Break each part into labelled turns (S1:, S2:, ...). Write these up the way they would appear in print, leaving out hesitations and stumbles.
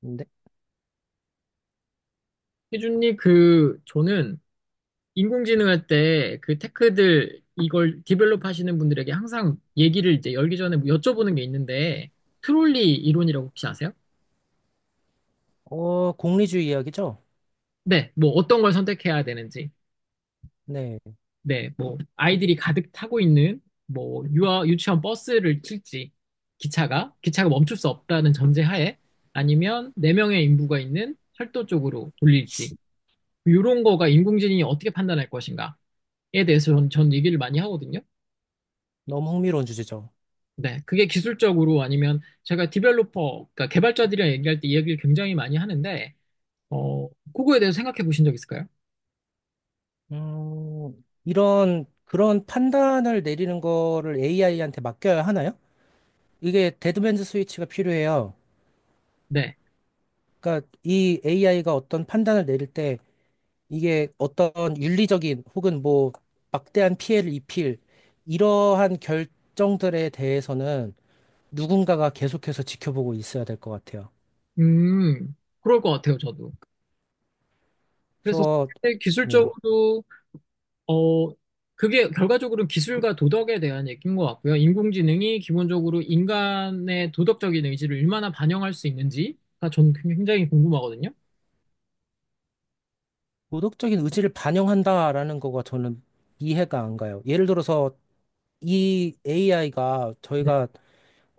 S1: 네.
S2: 희준님, 저는 인공지능 할 때 그 테크들 이걸 디벨롭 하시는 분들에게 항상 얘기를 이제 열기 전에 뭐 여쭤보는 게 있는데, 트롤리 이론이라고 혹시 아세요?
S1: 공리주의 이야기죠?
S2: 네, 뭐 어떤 걸 선택해야 되는지.
S1: 네.
S2: 네, 뭐 아이들이 가득 타고 있는 뭐 유치원 버스를 칠지, 기차가 멈출 수 없다는 전제하에 아니면 네명의 인부가 있는 철도 쪽으로 돌릴지, 이런 거가 인공지능이 어떻게 판단할 것인가에 대해서 전 얘기를 많이 하거든요.
S1: 너무 흥미로운 주제죠.
S2: 네, 그게 기술적으로 아니면 제가 디벨로퍼, 그러니까 개발자들이랑 얘기할 때 이야기를 굉장히 많이 하는데, 그거에 대해서 생각해 보신 적 있을까요?
S1: 그런 판단을 내리는 거를 AI한테 맡겨야 하나요? 이게 데드맨즈 스위치가 필요해요.
S2: 네.
S1: 그러니까 이 AI가 어떤 판단을 내릴 때 이게 어떤 윤리적인 혹은 뭐 막대한 피해를 입힐 이러한 결정들에 대해서는 누군가가 계속해서 지켜보고 있어야 될 것 같아요.
S2: 그럴 것 같아요, 저도. 그래서
S1: 그래서,
S2: 그게
S1: 네.
S2: 기술적으로, 어, 그게 결과적으로는 기술과 도덕에 대한 얘기인 것 같고요. 인공지능이 기본적으로 인간의 도덕적인 의지를 얼마나 반영할 수 있는지가 저는 굉장히 궁금하거든요.
S1: 도덕적인 의지를 반영한다라는 거가 저는 이해가 안 가요. 예를 들어서 이 AI가
S2: 네,
S1: 저희가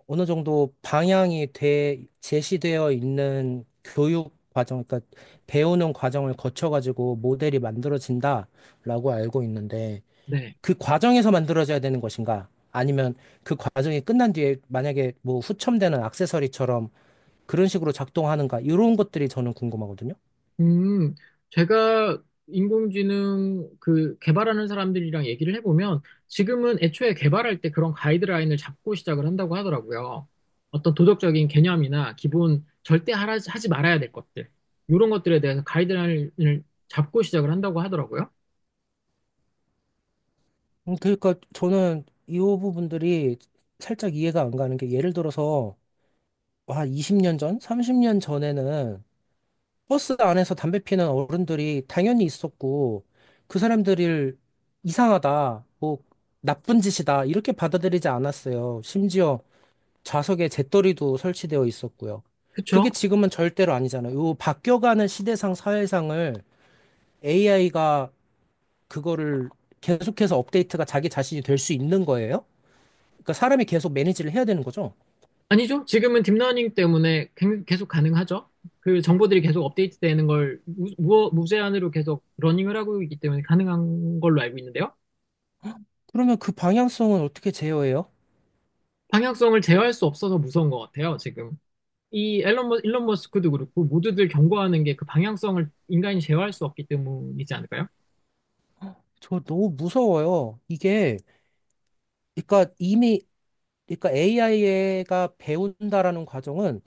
S1: 어느 정도 방향이 돼 제시되어 있는 교육 과정, 그러니까 배우는 과정을 거쳐가지고 모델이 만들어진다라고 알고 있는데,
S2: 네.
S1: 그 과정에서 만들어져야 되는 것인가? 아니면 그 과정이 끝난 뒤에 만약에 뭐 후첨되는 액세서리처럼 그런 식으로 작동하는가? 이런 것들이 저는 궁금하거든요.
S2: 음, 제가 인공지능 그 개발하는 사람들이랑 얘기를 해보면 지금은 애초에 개발할 때 그런 가이드라인을 잡고 시작을 한다고 하더라고요. 어떤 도덕적인 개념이나 기본 절대 하지 말아야 될 것들, 이런 것들에 대해서 가이드라인을 잡고 시작을 한다고 하더라고요.
S1: 그러니까 저는 이 부분들이 살짝 이해가 안 가는 게 예를 들어서 와, 20년 전, 30년 전에는 버스 안에서 담배 피는 어른들이 당연히 있었고 그 사람들을 이상하다, 뭐 나쁜 짓이다 이렇게 받아들이지 않았어요. 심지어 좌석에 재떨이도 설치되어 있었고요.
S2: 그쵸?
S1: 그게 지금은 절대로 아니잖아요. 요 바뀌어가는 시대상 사회상을 AI가 그거를 계속해서 업데이트가 자기 자신이 될 수 있는 거예요? 그러니까 사람이 계속 매니지를 해야 되는 거죠.
S2: 아니죠. 지금은 딥러닝 때문에 계속 가능하죠. 그 정보들이 계속 업데이트 되는 걸 무제한으로 계속 러닝을 하고 있기 때문에 가능한 걸로 알고 있는데요.
S1: 그러면 그 방향성은 어떻게 제어해요?
S2: 방향성을 제어할 수 없어서 무서운 것 같아요, 지금. 이 일론 머스크도 그렇고, 모두들 경고하는 게 그 방향성을 인간이 제어할 수 없기 때문이지 않을까요?
S1: 저 너무 무서워요. 이게, 그러니까 이미, 그러니까 AI가 배운다라는 과정은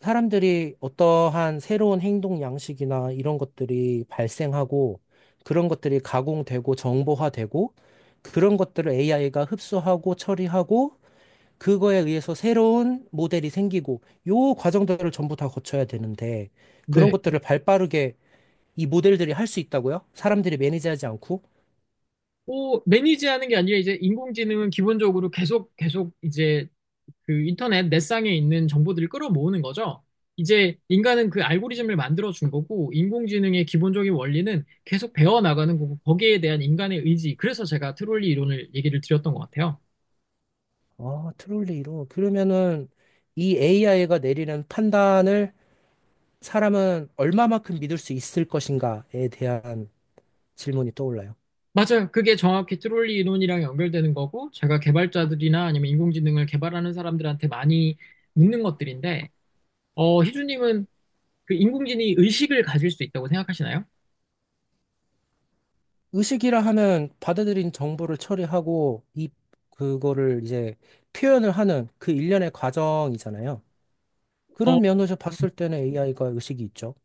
S1: 사람들이 어떠한 새로운 행동 양식이나 이런 것들이 발생하고 그런 것들이 가공되고 정보화되고 그런 것들을 AI가 흡수하고 처리하고 그거에 의해서 새로운 모델이 생기고 요 과정들을 전부 다 거쳐야 되는데 그런
S2: 네.
S1: 것들을 발빠르게 이 모델들이 할 수 있다고요? 사람들이 매니지하지 않고?
S2: 뭐, 매니지하는 게 아니라 이제 인공지능은 기본적으로 계속 이제 그 인터넷 넷상에 있는 정보들을 끌어모으는 거죠. 이제 인간은 그 알고리즘을 만들어 준 거고, 인공지능의 기본적인 원리는 계속 배워나가는 거고, 거기에 대한 인간의 의지. 그래서 제가 트롤리 이론을 얘기를 드렸던 것 같아요.
S1: 아, 트롤리로. 그러면은 이 AI가 내리는 판단을 사람은 얼마만큼 믿을 수 있을 것인가에 대한 질문이 떠올라요.
S2: 맞아요. 그게 정확히 트롤리 이론이랑 연결되는 거고, 제가 개발자들이나 아니면 인공지능을 개발하는 사람들한테 많이 묻는 것들인데, 희주님은 그 인공지능이 의식을 가질 수 있다고 생각하시나요?
S1: 의식이라 하면 받아들인 정보를 처리하고 이 그거를 이제 표현을 하는 그 일련의 과정이잖아요.
S2: 어,
S1: 그런 면에서 봤을 때는 AI가 의식이 있죠.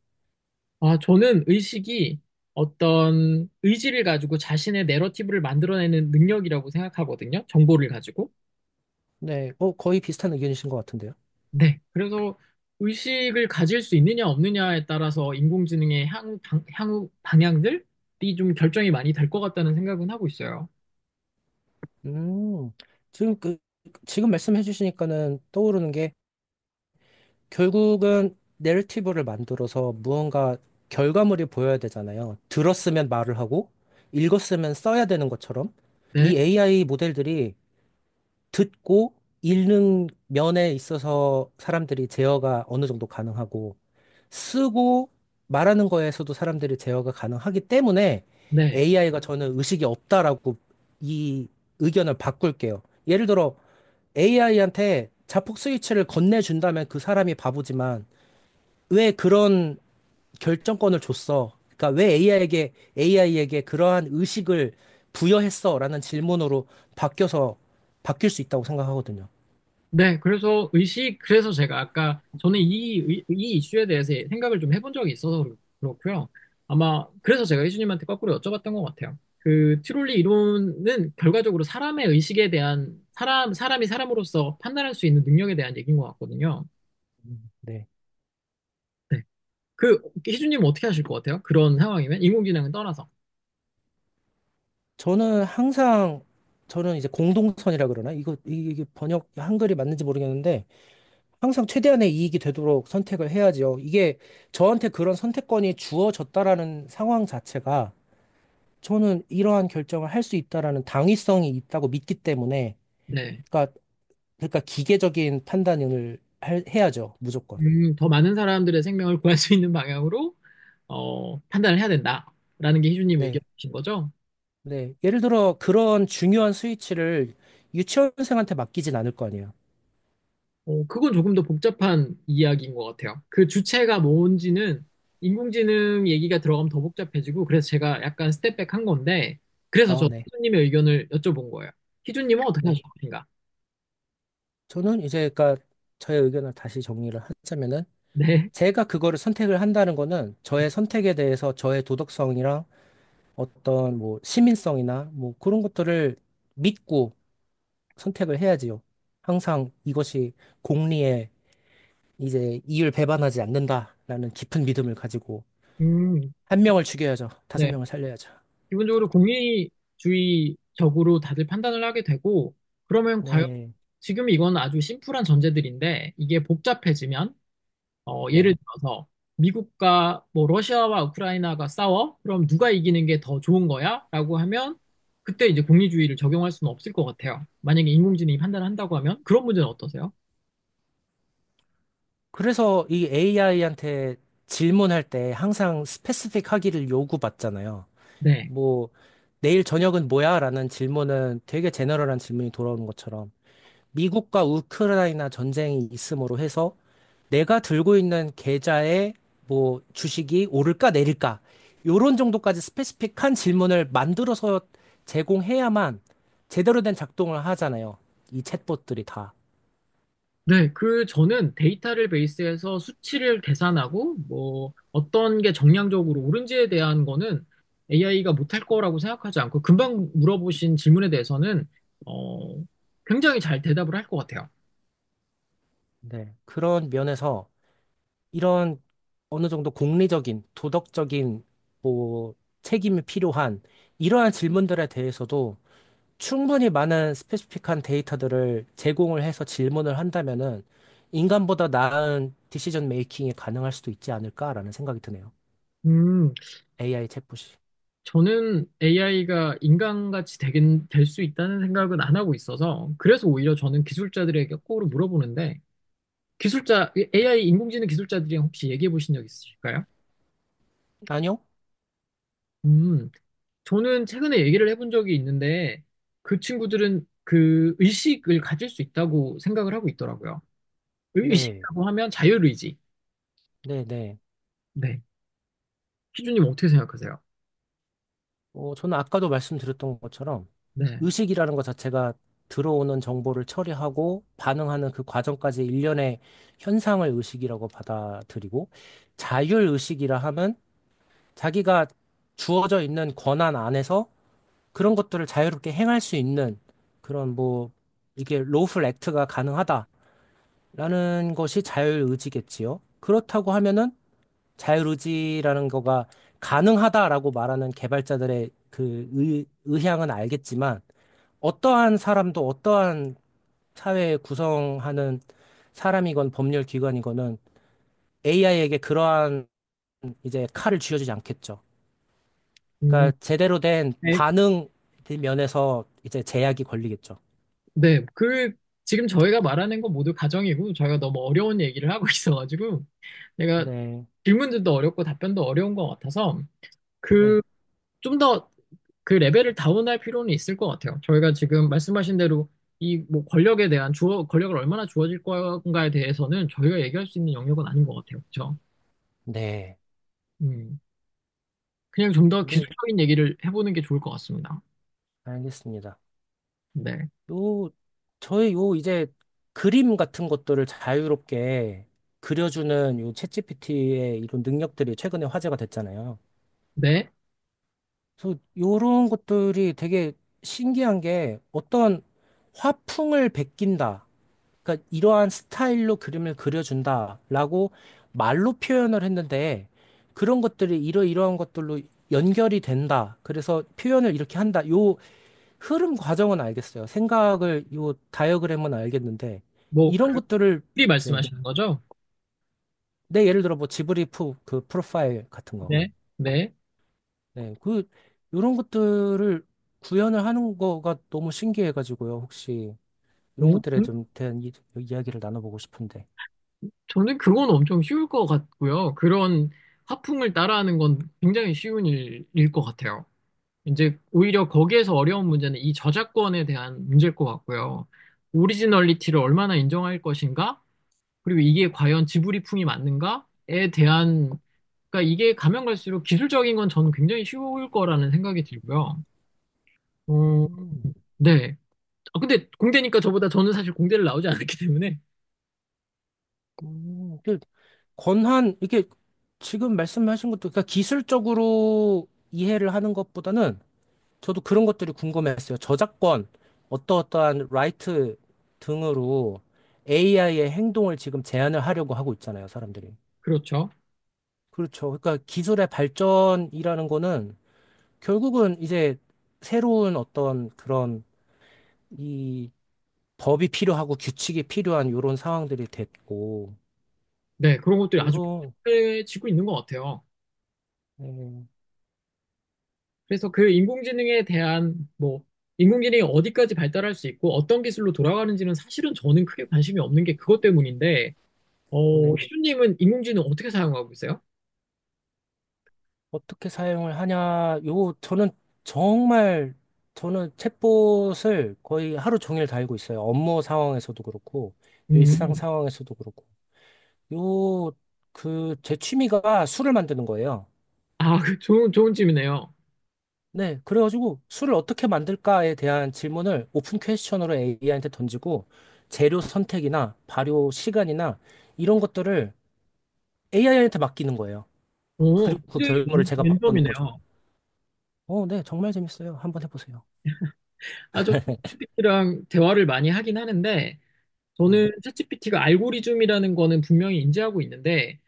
S2: 아, 저는 의식이 어떤 의지를 가지고 자신의 내러티브를 만들어내는 능력이라고 생각하거든요. 정보를 가지고.
S1: 네, 거의 비슷한 의견이신 것 같은데요.
S2: 네. 그래서 의식을 가질 수 있느냐 없느냐에 따라서 인공지능의 향후 방향들이 좀 결정이 많이 될 것 같다는 생각은 하고 있어요.
S1: 음, 지금 그, 지금 말씀해 주시니까는 떠오르는 게 결국은 내러티브를 만들어서 무언가 결과물이 보여야 되잖아요. 들었으면 말을 하고, 읽었으면 써야 되는 것처럼,
S2: 네.
S1: 이 AI 모델들이 듣고 읽는 면에 있어서 사람들이 제어가 어느 정도 가능하고, 쓰고 말하는 거에서도 사람들이 제어가 가능하기 때문에
S2: 네.
S1: AI가 저는 의식이 없다라고 이 의견을 바꿀게요. 예를 들어 AI한테 자폭 스위치를 건네준다면 그 사람이 바보지만 왜 그런 결정권을 줬어? 그러니까 왜 AI에게 그러한 의식을 부여했어라는 질문으로 바뀌어서 바뀔 수 있다고 생각하거든요.
S2: 네, 그래서 의식, 그래서 제가 아까 저는 이 이슈에 대해서 생각을 좀 해본 적이 있어서 그렇고요. 아마 그래서 제가 희준님한테 거꾸로 여쭤봤던 것 같아요. 그 트롤리 이론은 결과적으로 사람의 의식에 대한 사람이 사람으로서 판단할 수 있는 능력에 대한 얘기인 것 같거든요.
S1: 네.
S2: 네. 그 희준님은 어떻게 하실 것 같아요? 그런 상황이면 인공지능은 떠나서.
S1: 저는 항상 저는 이제 공동선이라 그러나 이게 번역 한글이 맞는지 모르겠는데, 항상 최대한의 이익이 되도록 선택을 해야지요. 이게 저한테 그런 선택권이 주어졌다라는 상황 자체가 저는 이러한 결정을 할 수 있다라는 당위성이 있다고 믿기 때문에,
S2: 네.
S1: 그러니까 그러니까 기계적인 판단을 해야죠, 무조건.
S2: 더 많은 사람들의 생명을 구할 수 있는 방향으로 판단을 해야 된다라는 게 희준님
S1: 네,
S2: 의견이신 거죠?
S1: 네. 예를 들어 그런 중요한 스위치를 유치원생한테 맡기진 않을 거 아니에요.
S2: 어, 그건 조금 더 복잡한 이야기인 것 같아요. 그 주체가 뭔지는 인공지능 얘기가 들어가면 더 복잡해지고, 그래서 제가 약간 스텝백 한 건데, 그래서
S1: 아,
S2: 저
S1: 네,
S2: 희준님의 의견을 여쭤본 거예요. 희준님은 어떻게
S1: 네.
S2: 하실 것인가?
S1: 저는 이제 그러니까 저의 의견을 다시 정리를 하자면은,
S2: 네.
S1: 제가 그거를 선택을 한다는 거는 저의 선택에 대해서 저의 도덕성이랑 어떤 뭐 시민성이나 뭐 그런 것들을 믿고 선택을 해야지요. 항상 이것이 공리에 이제 이율 배반하지 않는다라는 깊은 믿음을 가지고.
S2: 음,
S1: 한 명을 죽여야죠. 다섯
S2: 네.
S1: 명을 살려야죠.
S2: 기본적으로 공리주의적으로 다들 판단을 하게 되고, 그러면 과연
S1: 네,
S2: 지금 이건 아주 심플한 전제들인데, 이게 복잡해지면 예를
S1: 네.
S2: 들어서 미국과 뭐 러시아와 우크라이나가 싸워? 그럼 누가 이기는 게 더 좋은 거야? 라고 하면 그때 이제 공리주의를 적용할 수는 없을 것 같아요. 만약에 인공지능이 판단을 한다고 하면 그런 문제는 어떠세요?
S1: 그래서 이 AI한테 질문할 때 항상 스페시픽 하기를 요구받잖아요.
S2: 네.
S1: 뭐, 내일 저녁은 뭐야? 라는 질문은 되게 제너럴한 질문이 돌아오는 것처럼 미국과 우크라이나 전쟁이 있음으로 해서 내가 들고 있는 계좌에 뭐 주식이 오를까 내릴까 요런 정도까지 스페시픽한 질문을 만들어서 제공해야만 제대로 된 작동을 하잖아요. 이 챗봇들이 다.
S2: 네, 그 저는 데이터를 베이스해서 수치를 계산하고 뭐 어떤 게 정량적으로 옳은지에 대한 거는 AI가 못할 거라고 생각하지 않고 금방 물어보신 질문에 대해서는 어, 굉장히 잘 대답을 할 것 같아요.
S1: 네. 그런 면에서 이런 어느 정도 공리적인, 도덕적인 뭐 책임이 필요한 이러한 질문들에 대해서도 충분히 많은 스페시픽한 데이터들을 제공을 해서 질문을 한다면은 인간보다 나은 디시전 메이킹이 가능할 수도 있지 않을까라는 생각이 드네요.
S2: 음,
S1: AI 챗봇이.
S2: 저는 AI가 인간같이 되긴 될 수 있다는 생각은 안 하고 있어서 그래서 오히려 저는 기술자들에게 거꾸로 물어보는데 기술자 AI 인공지능 기술자들이랑 혹시 얘기해 보신 적 있으실까요?
S1: 아니요?
S2: 음, 저는 최근에 얘기를 해본 적이 있는데 그 친구들은 그 의식을 가질 수 있다고 생각을 하고 있더라고요.
S1: 네.
S2: 의식이라고 하면 자율의지.
S1: 네, 네.
S2: 네. 희준님 어떻게 생각하세요?
S1: 저는 아까도 말씀드렸던 것처럼,
S2: 네.
S1: 의식이라는 것 자체가 들어오는 정보를 처리하고 반응하는 그 과정까지 일련의 현상을 의식이라고 받아들이고, 자율의식이라 하면 자기가 주어져 있는 권한 안에서 그런 것들을 자유롭게 행할 수 있는 그런 뭐 이게 로플 액트가 가능하다라는 것이 자율의지겠지요. 그렇다고 하면은 자유의지라는 거가 가능하다라고 말하는 개발자들의 그 의향은 알겠지만, 어떠한 사람도 어떠한 사회 구성하는 사람이건 법률 기관이건은 AI에게 그러한 이제 칼을 쥐어주지 않겠죠.
S2: 음,
S1: 그러니까 제대로 된
S2: 네.
S1: 반응 면에서 이제 제약이 걸리겠죠.
S2: 네, 그, 지금 저희가 말하는 건 모두 가정이고, 저희가 너무 어려운 얘기를 하고 있어가지고, 내가
S1: 네,
S2: 질문들도 어렵고 답변도 어려운 것 같아서, 그,
S1: 네,
S2: 좀 더 그 레벨을 다운할 필요는 있을 것 같아요. 저희가 지금 말씀하신 대로 이 뭐 권력에 대한 권력을 얼마나 주어질 건가에 대해서는 저희가 얘기할 수 있는 영역은 아닌 것 같아요. 그렇죠?
S1: 네.
S2: 음, 그냥 좀 더
S1: 네,
S2: 기술적인 얘기를 해보는 게 좋을 것 같습니다.
S1: 알겠습니다.
S2: 네.
S1: 요, 저의 요 이제 그림 같은 것들을 자유롭게 그려주는 요 챗GPT의 이런 능력들이 최근에 화제가 됐잖아요.
S2: 네.
S1: 그래서 요런 것들이 되게 신기한 게 어떤 화풍을 베낀다. 그러니까 이러한 스타일로 그림을 그려준다라고 말로 표현을 했는데 그런 것들이 이러이러한 것들로 연결이 된다. 그래서 표현을 이렇게 한다. 요 흐름 과정은 알겠어요. 생각을, 요 다이어그램은 알겠는데,
S2: 뭐,
S1: 이런
S2: 그,
S1: 것들을,
S2: 미리
S1: 네.
S2: 말씀하시는 거죠?
S1: 내 예를 들어 뭐 지브리프 그 프로파일 같은 거.
S2: 네. 네.
S1: 네. 요런 것들을 구현을 하는 거가 너무 신기해가지고요. 혹시 이런
S2: 오.
S1: 것들에
S2: 음.
S1: 좀 대한 이야기를 나눠보고 싶은데.
S2: 저는 그건 엄청 쉬울 것 같고요. 그런 화풍을 따라하는 건 굉장히 쉬운 일일 것 같아요. 이제 오히려 거기에서 어려운 문제는 이 저작권에 대한 문제일 것 같고요. 오리지널리티를 얼마나 인정할 것인가? 그리고 이게 과연 지브리풍이 맞는가에 대한, 그러니까 이게 가면 갈수록 기술적인 건 저는 굉장히 쉬울 거라는 생각이 들고요. 어,
S1: 음,
S2: 네. 아, 근데 공대니까 저보다 저는 사실 공대를 나오지 않았기 때문에.
S1: 그 권한, 이게 지금 말씀하신 것도, 그러니까 기술적으로 이해를 하는 것보다는 저도 그런 것들이 궁금했어요. 저작권, 어떠어떠한 라이트 등으로 AI의 행동을 지금 제한을 하려고 하고 있잖아요, 사람들이.
S2: 그렇죠.
S1: 그렇죠. 그러니까 기술의 발전이라는 거는 결국은 이제 새로운 어떤 그런 이 법이 필요하고 규칙이 필요한 이런 상황들이 됐고,
S2: 네. 그런 것들이 아주
S1: 요런,
S2: 편해지고 있는 것 같아요.
S1: 네.
S2: 그래서 그 인공지능에 대한 뭐 인공지능이 어디까지 발달할 수 있고 어떤 기술로 돌아가는지는 사실은 저는 크게 관심이 없는 게 그것 때문인데
S1: 네.
S2: 희준님은 인공지능 어떻게 사용하고 있어요?
S1: 어떻게 사용을 하냐, 요, 저는 정말, 저는 챗봇을 거의 하루 종일 달고 있어요. 업무 상황에서도 그렇고, 일상
S2: 음.
S1: 상황에서도 그렇고. 요, 제 취미가 술을 만드는 거예요.
S2: 아, 그 좋은 좋은 질문이네요.
S1: 네, 그래가지고 술을 어떻게 만들까에 대한 질문을 오픈 퀘스천으로 AI한테 던지고, 재료 선택이나 발효 시간이나 이런 것들을 AI한테 맡기는 거예요.
S2: 오,
S1: 그리고 그
S2: 굉장히
S1: 결과를 제가 맛보는 거죠.
S2: 랜덤이네요.
S1: 네, 정말 재밌어요. 한번 해보세요.
S2: 아저 GPT랑 대화를 많이 하긴 하는데
S1: 네.
S2: 저는 챗GPT가 알고리즘이라는 거는 분명히 인지하고 있는데,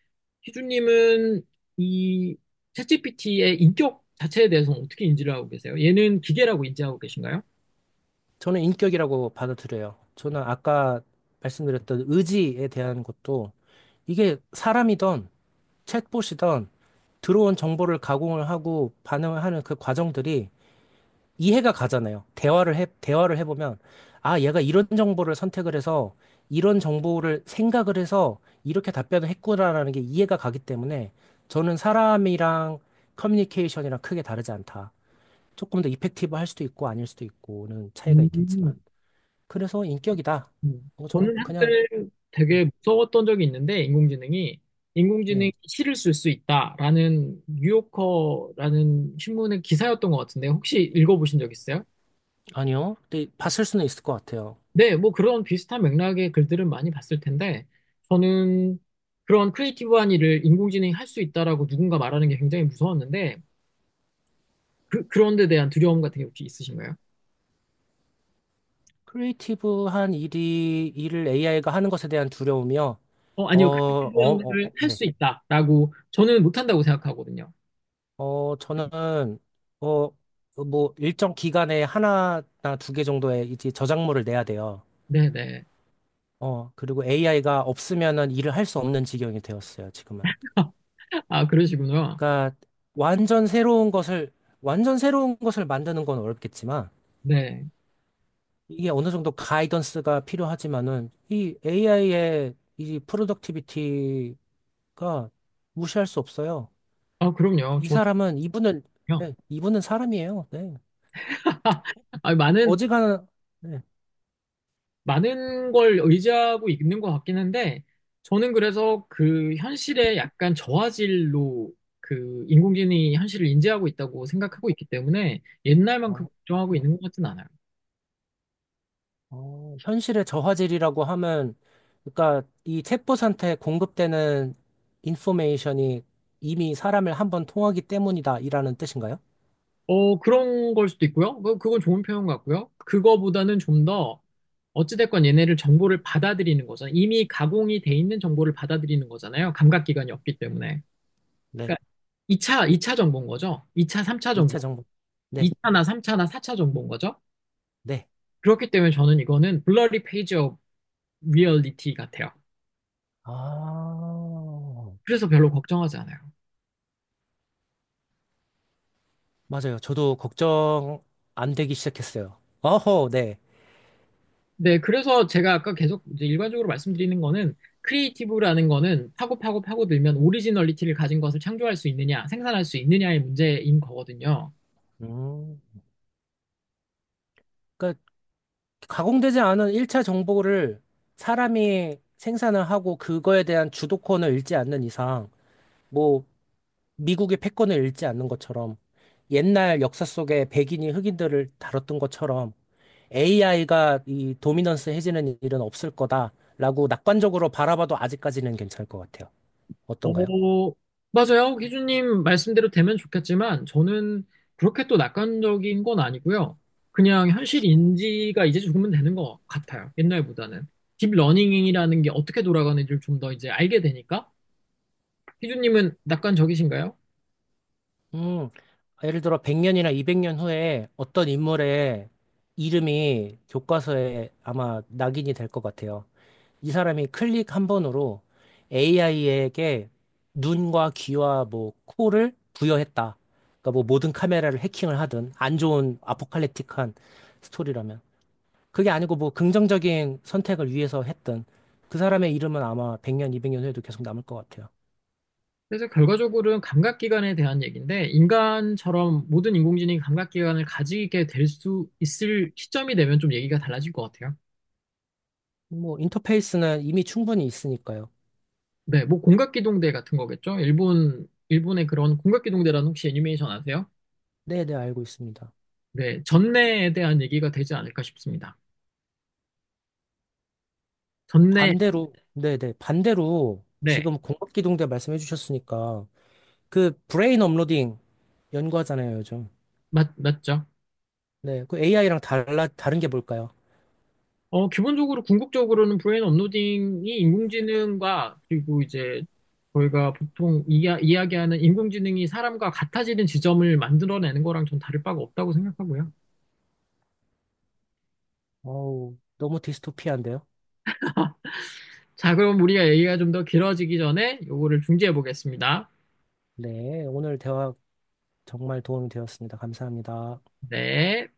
S2: 희준님은 이 챗GPT의 인격 자체에 대해서는 어떻게 인지를 하고 계세요? 얘는 기계라고 인지하고 계신가요?
S1: 저는 인격이라고 받아들여요. 저는 아까 말씀드렸던 의지에 대한 것도 이게 사람이든 챗봇이든 들어온 정보를 가공을 하고 반응을 하는 그 과정들이 이해가 가잖아요. 대화를 해보면, 아, 얘가 이런 정보를 선택을 해서 이런 정보를 생각을 해서 이렇게 답변을 했구나라는 게 이해가 가기 때문에 저는 사람이랑 커뮤니케이션이랑 크게 다르지 않다. 조금 더 이펙티브 할 수도 있고 아닐 수도 있고는 차이가 있겠지만.
S2: 음.
S1: 그래서 인격이다.
S2: 음.
S1: 저는
S2: 저는 한때
S1: 그냥. 네,
S2: 되게 무서웠던 적이 있는데, 인공지능이
S1: 네.
S2: 시를 쓸 수 있다라는 뉴요커라는 신문의 기사였던 것 같은데, 혹시 읽어보신 적 있어요?
S1: 아니요. 근데 봤을 수는 있을 것 같아요.
S2: 네, 뭐 그런 비슷한 맥락의 글들은 많이 봤을 텐데, 저는 그런 크리에이티브한 일을 인공지능이 할 수 있다라고 누군가 말하는 게 굉장히 무서웠는데, 그, 그런 데 대한 두려움 같은 게 혹시 있으신가요?
S1: 크리에이티브한 일이 일을 AI가 하는 것에 대한 두려움이요.
S2: 어, 아니요. 크리에이티브한 걸 할
S1: 네.
S2: 수 있다라고 저는 못한다고 생각하거든요.
S1: 저는 어, 뭐 일정 기간에 하나나 두 개 정도의 이제 저작물을 내야 돼요.
S2: 네네.
S1: 그리고 AI가 없으면은 일을 할 수 없는 지경이 되었어요, 지금은.
S2: 아, 그러시구나.
S1: 그러니까 완전 새로운 것을 완전 새로운 것을 만드는 건 어렵겠지만
S2: 네.
S1: 이게 어느 정도 가이던스가 필요하지만은 이 AI의 이 프로덕티비티가 무시할 수 없어요.
S2: 아, 그럼요.
S1: 이
S2: 저도요.
S1: 사람은 이분은 네, 이분은 사람이에요. 네.
S2: 아, 많은
S1: 어지간한 네.
S2: 많은 걸 의지하고 있는 것 같긴 한데, 저는 그래서 그 현실에 약간 저화질로 그 인공지능이 현실을 인지하고 있다고 생각하고 있기 때문에 옛날만큼
S1: 어,
S2: 걱정하고 있는 것 같진 않아요.
S1: 현실의 저화질이라고 하면 그러니까 이 챗봇한테 공급되는 인포메이션이 이미 사람을 한번 통하기 때문이다 이라는 뜻인가요?
S2: 어, 그런 걸 수도 있고요. 뭐, 그건 좋은 표현 같고요. 그거보다는 좀 더, 어찌됐건 얘네를 정보를 받아들이는 거죠. 이미 가공이 돼 있는 정보를 받아들이는 거잖아요. 감각기관이 없기 때문에.
S1: 네.
S2: 그러니까 이차 2차 정보인 거죠. 2차, 3차 정보.
S1: 2차 정보. 네.
S2: 2차나 3차나 4차 정보인 거죠.
S1: 네.
S2: 그렇기 때문에 저는 이거는 blurry page of reality 같아요.
S1: 아.
S2: 그래서 별로 걱정하지 않아요.
S1: 맞아요. 저도 걱정 안 되기 시작했어요. 어허, 네.
S2: 네, 그래서 제가 아까 계속 이제 일반적으로 말씀드리는 거는 크리에이티브라는 거는 파고 파고 파고들면 오리지널리티를 가진 것을 창조할 수 있느냐, 생산할 수 있느냐의 문제인 거거든요.
S1: 음, 그러니까 가공되지 않은 1차 정보를 사람이 생산을 하고 그거에 대한 주도권을 잃지 않는 이상, 뭐 미국의 패권을 잃지 않는 것처럼 옛날 역사 속에 백인이 흑인들을 다뤘던 것처럼 AI가 이 도미넌스 해지는 일은 없을 거다라고 낙관적으로 바라봐도 아직까지는 괜찮을 것 같아요. 어떤가요?
S2: 어, 맞아요. 기준님 말씀대로 되면 좋겠지만 저는 그렇게 또 낙관적인 건 아니고요. 그냥 현실 인지가 이제 조금은 되는 것 같아요. 옛날보다는. 딥러닝이라는 게 어떻게 돌아가는지를 좀 더 이제 알게 되니까 희주님은 낙관적이신가요?
S1: 음, 예를 들어 100년이나 200년 후에 어떤 인물의 이름이 교과서에 아마 낙인이 될 것 같아요. 이 사람이 클릭 한 번으로 AI에게 눈과 귀와 뭐 코를 부여했다. 그러니까 뭐 모든 카메라를 해킹을 하든 안 좋은 아포칼립틱한 스토리라면 그게 아니고 뭐 긍정적인 선택을 위해서 했든 그 사람의 이름은 아마 100년, 200년 후에도 계속 남을 것 같아요.
S2: 그래서 결과적으로는 감각기관에 대한 얘기인데, 인간처럼 모든 인공지능이 감각기관을 가지게 될 수 있을 시점이 되면 좀 얘기가 달라질 것 같아요.
S1: 뭐 인터페이스는 이미 충분히 있으니까요.
S2: 네, 뭐 공각기동대 같은 거겠죠? 일본의 그런 공각기동대라는 혹시 애니메이션 아세요?
S1: 네, 네, 알고 있습니다.
S2: 네, 전내에 대한 얘기가 되지 않을까 싶습니다. 전내,
S1: 반대로, 네네. 반대로
S2: 네,
S1: 지금 공급기동대 말씀해 주셨으니까 그 브레인 업로딩 연구하잖아요, 요즘.
S2: 맞죠?
S1: 네. 그 AI랑 다른 게 뭘까요?
S2: 어, 기본적으로 궁극적으로는 브레인 업로딩이 인공지능과 그리고 이제 저희가 보통 이야기하는 인공지능이 사람과 같아지는 지점을 만들어내는 거랑 전 다를 바가 없다고 생각하고요.
S1: 어우, 너무 디스토피아인데요?
S2: 자, 그럼 우리가 얘기가 좀 더 길어지기 전에 요거를 중지해 보겠습니다.
S1: 네. 오늘 대화 정말 도움이 되었습니다. 감사합니다.
S2: 네.